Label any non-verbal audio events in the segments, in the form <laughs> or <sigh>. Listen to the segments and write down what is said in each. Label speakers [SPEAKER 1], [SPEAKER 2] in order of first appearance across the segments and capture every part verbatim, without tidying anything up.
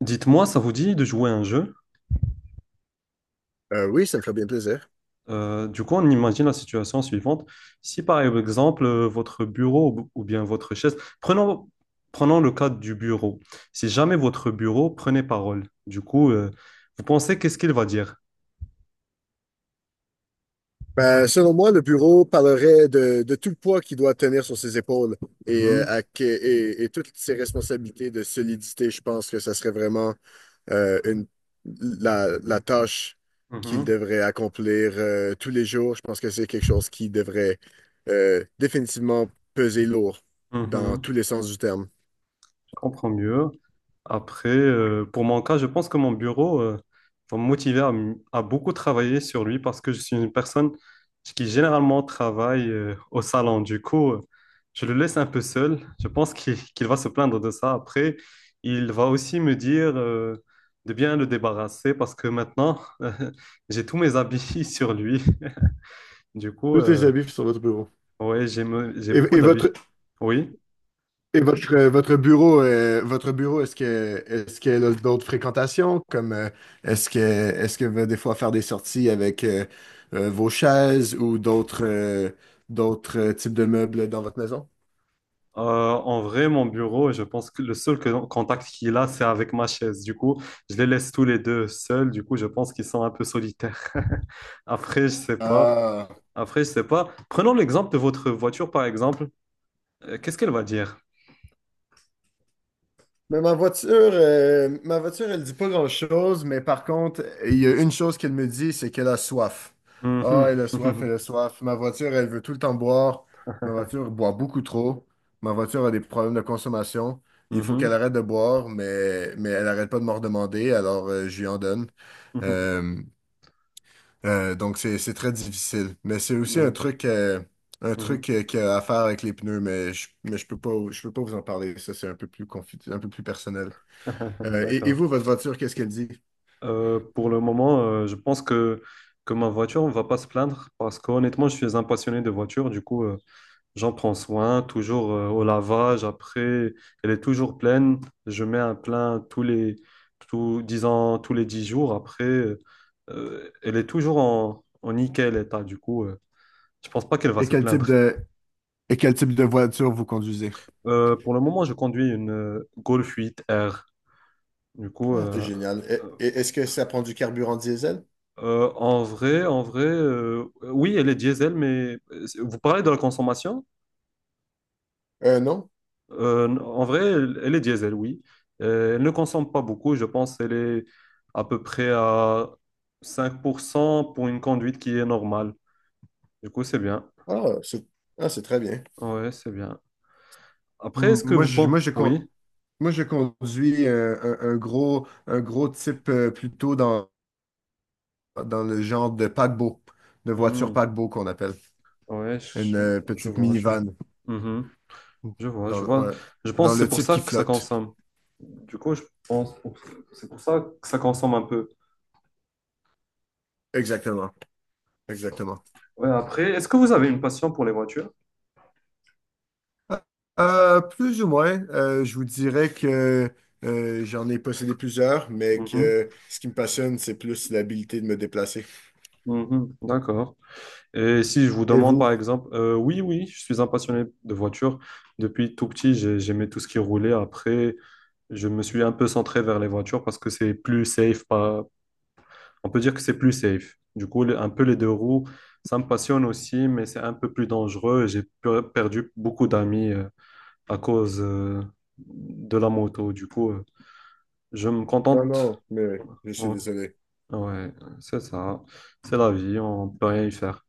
[SPEAKER 1] Dites-moi, ça vous dit de jouer à un jeu?
[SPEAKER 2] Euh, oui, ça me ferait bien plaisir.
[SPEAKER 1] Euh, du coup, on imagine la situation suivante. Si par exemple, euh, votre bureau ou ou bien votre chaise, prenons, prenons le cas du bureau. Si jamais votre bureau prenait parole, du coup, euh, vous pensez qu'est-ce qu'il va dire?
[SPEAKER 2] Ben, selon moi, le bureau parlerait de, de tout le poids qu'il doit tenir sur ses épaules et, euh,
[SPEAKER 1] Mhm.
[SPEAKER 2] à que- et, et toutes ses responsabilités de solidité. Je pense que ça serait vraiment euh, une, la, la tâche qu'il
[SPEAKER 1] Mhm.
[SPEAKER 2] devrait accomplir euh, tous les jours. Je pense que c'est quelque chose qui devrait euh, définitivement peser lourd dans
[SPEAKER 1] Mhm.
[SPEAKER 2] tous les sens du terme.
[SPEAKER 1] Je comprends mieux. Après, euh, pour mon cas, je pense que mon bureau euh, va me motiver à, m- à beaucoup travailler sur lui parce que je suis une personne qui généralement travaille euh, au salon. Du coup, euh, je le laisse un peu seul. Je pense qu'il qu'il va se plaindre de ça. Après, il va aussi me dire euh, de bien le débarrasser parce que maintenant, <laughs> euh, j'ai tous mes habits <laughs> sur lui. Du coup,
[SPEAKER 2] Tous tes
[SPEAKER 1] euh,
[SPEAKER 2] habits sur votre bureau.
[SPEAKER 1] ouais, j'ai me- j'ai
[SPEAKER 2] Et,
[SPEAKER 1] beaucoup
[SPEAKER 2] et
[SPEAKER 1] d'habits.
[SPEAKER 2] votre,
[SPEAKER 1] Oui.
[SPEAKER 2] et votre, euh, votre bureau, euh, votre bureau, est-ce que, est-ce qu'elle a d'autres fréquentations, comme euh, est-ce que, est-ce que va des fois faire des sorties avec euh, euh, vos chaises ou d'autres, euh, d'autres euh, types de meubles dans votre maison?
[SPEAKER 1] Euh, En vrai, mon bureau, je pense que le seul que- contact qu'il a, c'est avec ma chaise. Du coup, je les laisse tous les deux seuls. Du coup, je pense qu'ils sont un peu solitaires. <laughs> Après, je sais pas.
[SPEAKER 2] Ah.
[SPEAKER 1] Après, je sais pas. Prenons l'exemple de votre voiture, par exemple. Euh, qu'est-ce qu'elle va dire?
[SPEAKER 2] Mais ma voiture, euh, ma voiture, elle dit pas grand-chose, mais par contre, il y a une chose qu'elle me dit, c'est qu'elle a soif. Ah, elle
[SPEAKER 1] Mhm.
[SPEAKER 2] a soif, elle a
[SPEAKER 1] <laughs>
[SPEAKER 2] soif. Ma voiture, elle veut tout le temps boire. Ma voiture boit beaucoup trop. Ma voiture a des problèmes de consommation. Il faut qu'elle
[SPEAKER 1] Mhm.
[SPEAKER 2] arrête de boire, mais, mais elle arrête pas de m'en demander, alors euh, je lui en donne.
[SPEAKER 1] Mhm.
[SPEAKER 2] Euh, euh, donc, c'est, c'est très difficile. Mais c'est aussi un
[SPEAKER 1] Mhm.
[SPEAKER 2] truc, euh, un
[SPEAKER 1] Mhm. Mhm.
[SPEAKER 2] truc euh, qu'il y a à faire avec les pneus, mais je, mais je peux pas, je peux pas vous en parler. Ça, c'est un peu plus confi- un peu plus personnel.
[SPEAKER 1] <laughs>
[SPEAKER 2] Euh, et, et
[SPEAKER 1] D'accord.
[SPEAKER 2] vous, votre voiture, qu'est-ce qu'elle dit?
[SPEAKER 1] Euh, pour le moment, euh, je pense que, que ma voiture ne va pas se plaindre parce qu'honnêtement, je suis un passionné de voiture. Du coup, euh, j'en prends soin, toujours euh, au lavage. Après, elle est toujours pleine. Je mets un plein tous les, tous, disons, tous les dix jours. Après, euh, euh, elle est toujours en, en nickel état. Du coup, euh, je pense pas qu'elle va
[SPEAKER 2] Et
[SPEAKER 1] se
[SPEAKER 2] quel type
[SPEAKER 1] plaindre.
[SPEAKER 2] de, et quel type de voiture vous conduisez?
[SPEAKER 1] Euh, pour le moment, je conduis une euh, Golf huit R. Du coup,
[SPEAKER 2] Ah, c'est
[SPEAKER 1] euh,
[SPEAKER 2] génial.
[SPEAKER 1] euh,
[SPEAKER 2] Et- et- Est-ce que ça prend du carburant diesel?
[SPEAKER 1] euh, en vrai, en vrai, euh, oui, elle est diesel, mais euh, vous parlez de la consommation?
[SPEAKER 2] Euh, non.
[SPEAKER 1] Euh, en vrai, elle, elle est diesel, oui. Euh, elle ne consomme pas beaucoup, je pense qu'elle est à peu près à cinq pour cent pour une conduite qui est normale. Du coup, c'est bien.
[SPEAKER 2] Ah, c'est ah, c'est très bien.
[SPEAKER 1] Ouais, c'est bien. Après,
[SPEAKER 2] Hmm.
[SPEAKER 1] est-ce que
[SPEAKER 2] Moi,
[SPEAKER 1] vous
[SPEAKER 2] je,
[SPEAKER 1] pensez...
[SPEAKER 2] moi, je, con-
[SPEAKER 1] Oui.
[SPEAKER 2] moi, je conduis euh, un, un gros, un gros type euh, plutôt dans, dans le genre de paquebot, de voiture
[SPEAKER 1] Hmm.
[SPEAKER 2] paquebot qu'on appelle.
[SPEAKER 1] Ouais,
[SPEAKER 2] Une
[SPEAKER 1] je,
[SPEAKER 2] euh,
[SPEAKER 1] je
[SPEAKER 2] petite
[SPEAKER 1] vois, je vois.
[SPEAKER 2] minivan.
[SPEAKER 1] Mhm. Je vois,
[SPEAKER 2] Dans,
[SPEAKER 1] je
[SPEAKER 2] le-
[SPEAKER 1] vois.
[SPEAKER 2] ouais.
[SPEAKER 1] Je pense
[SPEAKER 2] Dans
[SPEAKER 1] que
[SPEAKER 2] le
[SPEAKER 1] c'est pour
[SPEAKER 2] type
[SPEAKER 1] ça
[SPEAKER 2] qui
[SPEAKER 1] que ça
[SPEAKER 2] flotte.
[SPEAKER 1] consomme. Du coup, je pense pour- c'est pour ça que ça consomme un peu.
[SPEAKER 2] Exactement. Exactement.
[SPEAKER 1] Ouais, après, est-ce que vous avez une passion pour les voitures?
[SPEAKER 2] Euh, plus ou moins. Euh, je vous dirais que euh, j'en ai possédé plusieurs, mais
[SPEAKER 1] Mhm.
[SPEAKER 2] que ce qui me passionne, c'est plus l'habilité de me déplacer.
[SPEAKER 1] Mhm. D'accord. Et si je vous
[SPEAKER 2] Et
[SPEAKER 1] demande par
[SPEAKER 2] vous?
[SPEAKER 1] exemple, euh, oui, oui, je suis un passionné de voitures. Depuis tout petit, j'ai- j'aimais tout ce qui roulait. Après, je me suis un peu centré vers les voitures parce que c'est plus safe. Pas... On peut dire que c'est plus safe. Du coup, le- un peu les deux roues, ça me passionne aussi, mais c'est un peu plus dangereux. J'ai per- perdu beaucoup d'amis euh, à cause euh, de la moto. Du coup, euh, je me
[SPEAKER 2] Non,
[SPEAKER 1] contente.
[SPEAKER 2] non, mais je suis
[SPEAKER 1] Ouais,
[SPEAKER 2] désolé.
[SPEAKER 1] ouais, c'est ça. C'est la vie, on peut rien y faire.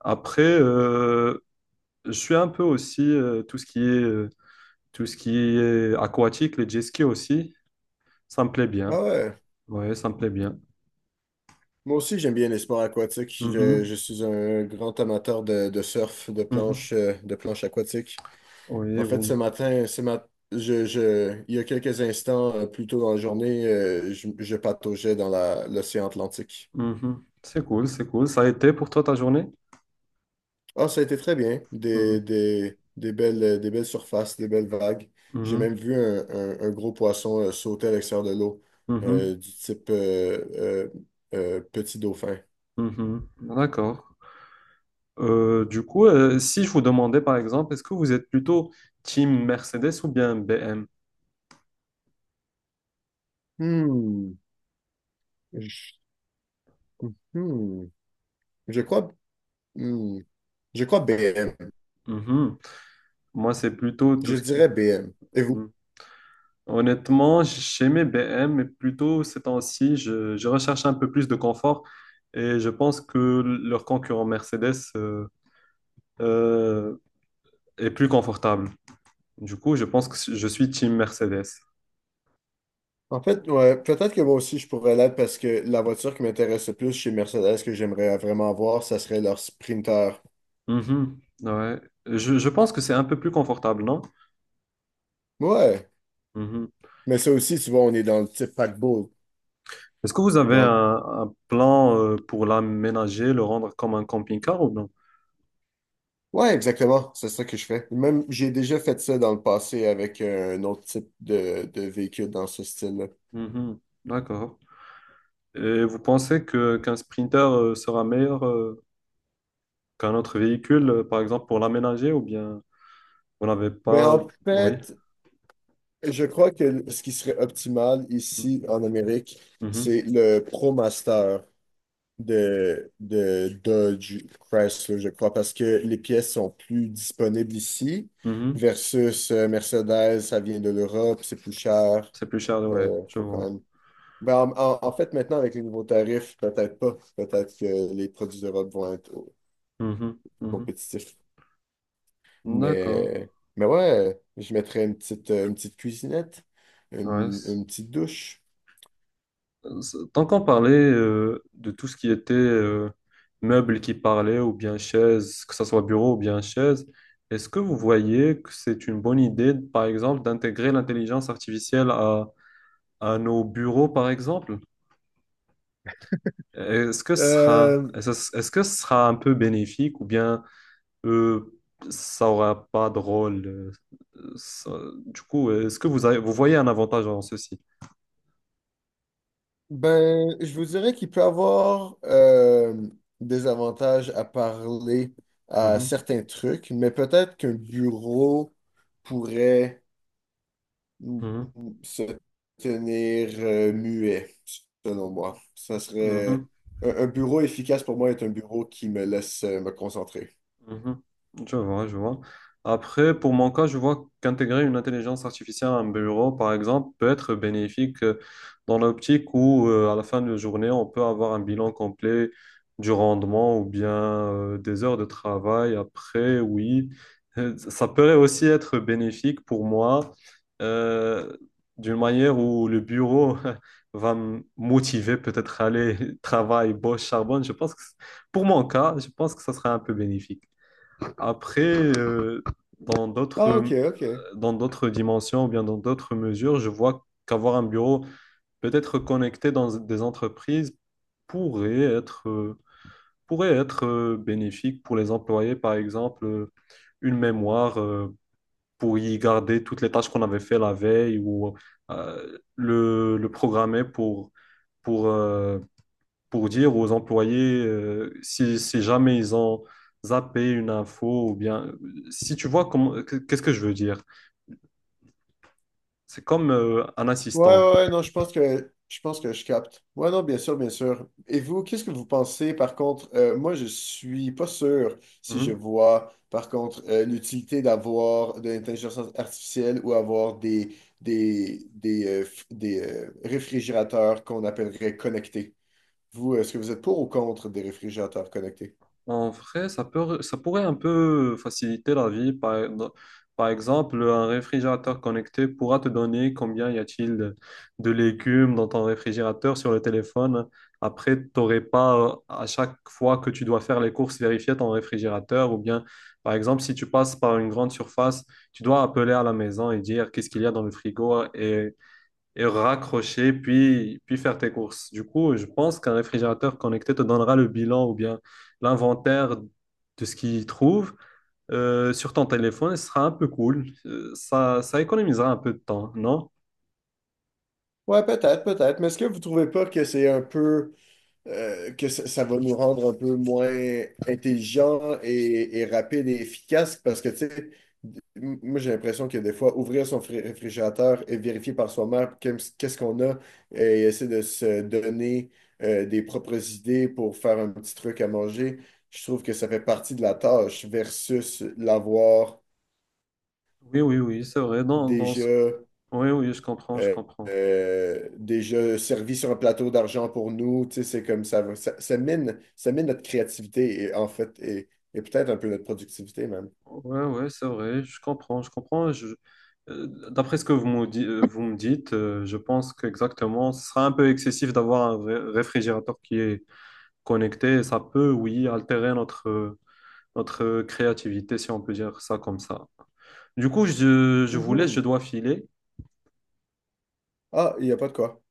[SPEAKER 1] Après, euh, je suis un peu aussi euh, tout ce qui est euh, tout ce qui est aquatique, les jet skis aussi, ça me plaît bien.
[SPEAKER 2] Ah ouais,
[SPEAKER 1] Ouais, ça me plaît bien.
[SPEAKER 2] moi aussi j'aime bien les sports aquatiques. Je,
[SPEAKER 1] Mhm.
[SPEAKER 2] je suis un grand amateur de, de surf, de
[SPEAKER 1] Mhm.
[SPEAKER 2] planche, euh, de planche aquatique.
[SPEAKER 1] Oui,
[SPEAKER 2] En fait, ce
[SPEAKER 1] bon.
[SPEAKER 2] matin, ce mat je, je, il y a quelques instants, euh, plus tôt dans la journée, euh, je, je pataugeais dans la- l'océan Atlantique.
[SPEAKER 1] Mhm. C'est cool, c'est cool. Ça a été pour toi ta journée?
[SPEAKER 2] Ah, ça a été très bien. Des, des, des belles, euh, des belles surfaces, des belles vagues. J'ai
[SPEAKER 1] Mhm.
[SPEAKER 2] même vu un, un- un gros poisson euh, sauter à l'extérieur de l'eau,
[SPEAKER 1] Mhm.
[SPEAKER 2] euh, du type euh, euh, euh, petit dauphin.
[SPEAKER 1] Mhm. Mhm. D'accord. Euh, du coup, euh, si je vous demandais par exemple, est-ce que vous êtes plutôt team Mercedes ou bien B M?
[SPEAKER 2] Hmm. Je, hmm. Je crois, hmm. Je crois B M.
[SPEAKER 1] Mhm. Moi, c'est plutôt tout
[SPEAKER 2] Je
[SPEAKER 1] ce
[SPEAKER 2] dirais
[SPEAKER 1] qui.
[SPEAKER 2] B M. Et vous?
[SPEAKER 1] Honnêtement, chez mes B M, mais plutôt ces temps-ci, je, je recherche un peu plus de confort et je pense que leur concurrent Mercedes euh, euh, est plus confortable. Du coup, je pense que je suis team Mercedes.
[SPEAKER 2] En fait, ouais, peut-être que moi aussi je pourrais l'être parce que la voiture qui m'intéresse le plus chez Mercedes que j'aimerais vraiment voir, ça serait leur Sprinter.
[SPEAKER 1] Mhm, ouais. Je, je pense que c'est un peu plus confortable, non?
[SPEAKER 2] Ouais,
[SPEAKER 1] Mhm.
[SPEAKER 2] mais ça aussi, tu vois, on est dans le type paquebot.
[SPEAKER 1] Est-ce que vous avez
[SPEAKER 2] Dans...
[SPEAKER 1] un,
[SPEAKER 2] le-
[SPEAKER 1] un plan euh, pour l'aménager, le rendre comme un camping-car ou non?
[SPEAKER 2] Ouais, exactement, c'est ça que je fais. Même, j'ai déjà fait ça dans le passé avec un autre type de, de véhicule dans ce style-là.
[SPEAKER 1] Mhm. D'accord. Et vous pensez que qu'un sprinter euh, sera meilleur? Euh, qu'un autre véhicule, euh, par exemple, pour l'aménager ou bien vous n'avez
[SPEAKER 2] Ben,
[SPEAKER 1] pas...
[SPEAKER 2] en
[SPEAKER 1] Oui.
[SPEAKER 2] fait, je crois que ce qui serait optimal ici en Amérique,
[SPEAKER 1] Mhm.
[SPEAKER 2] c'est le ProMaster. De, de Dodge Chrysler, je crois, parce que les pièces sont plus disponibles ici,
[SPEAKER 1] Mhm.
[SPEAKER 2] versus euh, Mercedes, ça vient de l'Europe, c'est plus cher.
[SPEAKER 1] C'est plus cher, ouais,
[SPEAKER 2] Euh,
[SPEAKER 1] je
[SPEAKER 2] faut quand
[SPEAKER 1] vois.
[SPEAKER 2] même... Ben, en, en- en fait, maintenant, avec les nouveaux tarifs, peut-être pas. Peut-être que les produits d'Europe vont être au-
[SPEAKER 1] Mhm.
[SPEAKER 2] plus
[SPEAKER 1] Mhm.
[SPEAKER 2] compétitifs.
[SPEAKER 1] D'accord.
[SPEAKER 2] Mais, mais ouais, je mettrais une petite, euh, une petite cuisinette,
[SPEAKER 1] Ouais,
[SPEAKER 2] une,
[SPEAKER 1] c'est-
[SPEAKER 2] une petite douche.
[SPEAKER 1] c'est- tant qu'on parlait euh, de tout ce qui était euh, meubles qui parlaient ou bien chaises, que ce soit bureau ou bien chaise, est-ce que vous voyez que c'est une bonne idée, par exemple, d'intégrer l'intelligence artificielle à, à nos bureaux, par exemple? Est-ce que ce sera,
[SPEAKER 2] Euh,
[SPEAKER 1] est-ce est-ce que ce sera un peu bénéfique ou bien... euh, ça aura pas de rôle. euh, ça- Du coup, est-ce que vous avez- vous voyez un avantage en ceci?
[SPEAKER 2] Ben, je vous dirais qu'il peut avoir euh, des avantages à parler à
[SPEAKER 1] Mhm.
[SPEAKER 2] certains trucs, mais peut-être qu'un bureau pourrait
[SPEAKER 1] Mhm.
[SPEAKER 2] se tenir euh, muet, selon moi. Ça serait
[SPEAKER 1] Mhm.
[SPEAKER 2] un, un bureau efficace pour moi est un bureau qui me laisse euh, me concentrer.
[SPEAKER 1] Mhm. Je vois, je vois. Après, pour mon cas, je vois qu'intégrer une intelligence artificielle à un bureau, par exemple, peut être bénéfique euh, dans l'optique où, euh, à la fin de la journée, on peut avoir un bilan complet du rendement ou bien euh, des heures de travail. Après, oui. Euh, ça peut aussi être bénéfique pour moi euh, d'une manière où le bureau <laughs> va me motiver peut-être à aller <laughs> travailler, bosse, charbonne. Je pense que, pour mon cas, je pense que ça serait un peu bénéfique. Après, euh, dans
[SPEAKER 2] Ah, ok,
[SPEAKER 1] d'autres,
[SPEAKER 2] ok.
[SPEAKER 1] dans d'autres dimensions ou bien dans d'autres mesures, je vois qu'avoir un bureau peut-être connecté dans des entreprises pourrait être, euh, pourrait être euh, bénéfique pour les employés, par exemple, euh, une mémoire euh, pour y garder toutes les tâches qu'on avait fait la veille ou euh, le, le programmer pour, pour, euh, pour dire aux employés euh, si, si jamais ils ont zappé une info ou bien si tu vois comment qu'est-ce que je veux dire. C'est comme euh, un
[SPEAKER 2] Ouais, ouais,
[SPEAKER 1] assistant.
[SPEAKER 2] ouais, non, je pense que je pense que je capte. Ouais, non, bien sûr, bien sûr. Et vous, qu'est-ce que vous pensez, par contre, euh, moi, je suis pas sûr si je
[SPEAKER 1] Mhm.
[SPEAKER 2] vois, par contre, euh, l'utilité d'avoir de l'intelligence artificielle ou avoir des des des, euh, f- des euh, réfrigérateurs qu'on appellerait connectés. Vous, est-ce que vous êtes pour ou contre des réfrigérateurs connectés?
[SPEAKER 1] En vrai, ça peut, ça pourrait un peu faciliter la vie. Par, par exemple, un réfrigérateur connecté pourra te donner combien y a-t-il de, de légumes dans ton réfrigérateur sur le téléphone. Après, tu n'aurais pas euh, à chaque fois que tu dois faire les courses vérifier ton réfrigérateur. Ou bien, par exemple, si tu passes par une grande surface, tu dois appeler à la maison et dire qu'est-ce qu'il y a dans le frigo et et raccrocher, puis, puis faire tes courses. Du coup, je pense qu'un réfrigérateur connecté te donnera le bilan ou bien l'inventaire de ce qu'il trouve euh, sur ton téléphone, et ce sera un peu cool. Euh, ça, ça économisera un peu de temps, non?
[SPEAKER 2] Ouais, peut-être, peut-être. Mais est-ce que vous trouvez pas que c'est un peu euh, que ça, ça va nous rendre un peu moins intelligents et, et rapides et efficaces parce que, tu sais, m- moi j'ai l'impression que des fois, ouvrir son fré- réfrigérateur et vérifier par soi-même qu'est- qu'est-ce qu'on a et essayer de se donner euh, des propres idées pour faire un petit truc à manger, je trouve que ça fait partie de la tâche versus l'avoir
[SPEAKER 1] Oui, oui, oui, c'est vrai. Dans, dans ce...
[SPEAKER 2] déjà.
[SPEAKER 1] Oui, oui, je comprends, je
[SPEAKER 2] euh,
[SPEAKER 1] comprends.
[SPEAKER 2] euh, Déjà servi sur un plateau d'argent pour nous. Tu sais, c'est comme ça, va- ça, ça mine, ça mine notre créativité et en fait, et, et peut-être un peu notre productivité même.
[SPEAKER 1] Ouais, ouais, c'est vrai, je comprends, je comprends. Je... euh, D'après ce que vous me, di- euh, vous me dites, euh, je pense qu'exactement, ce sera un peu excessif d'avoir un ré- réfrigérateur qui est connecter, ça peut, oui, altérer notre, notre créativité, si on peut dire ça comme ça. Du coup, je, je vous laisse, je
[SPEAKER 2] Mhm.
[SPEAKER 1] dois filer.
[SPEAKER 2] Ah, il n'y a pas de quoi.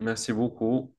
[SPEAKER 1] Merci beaucoup.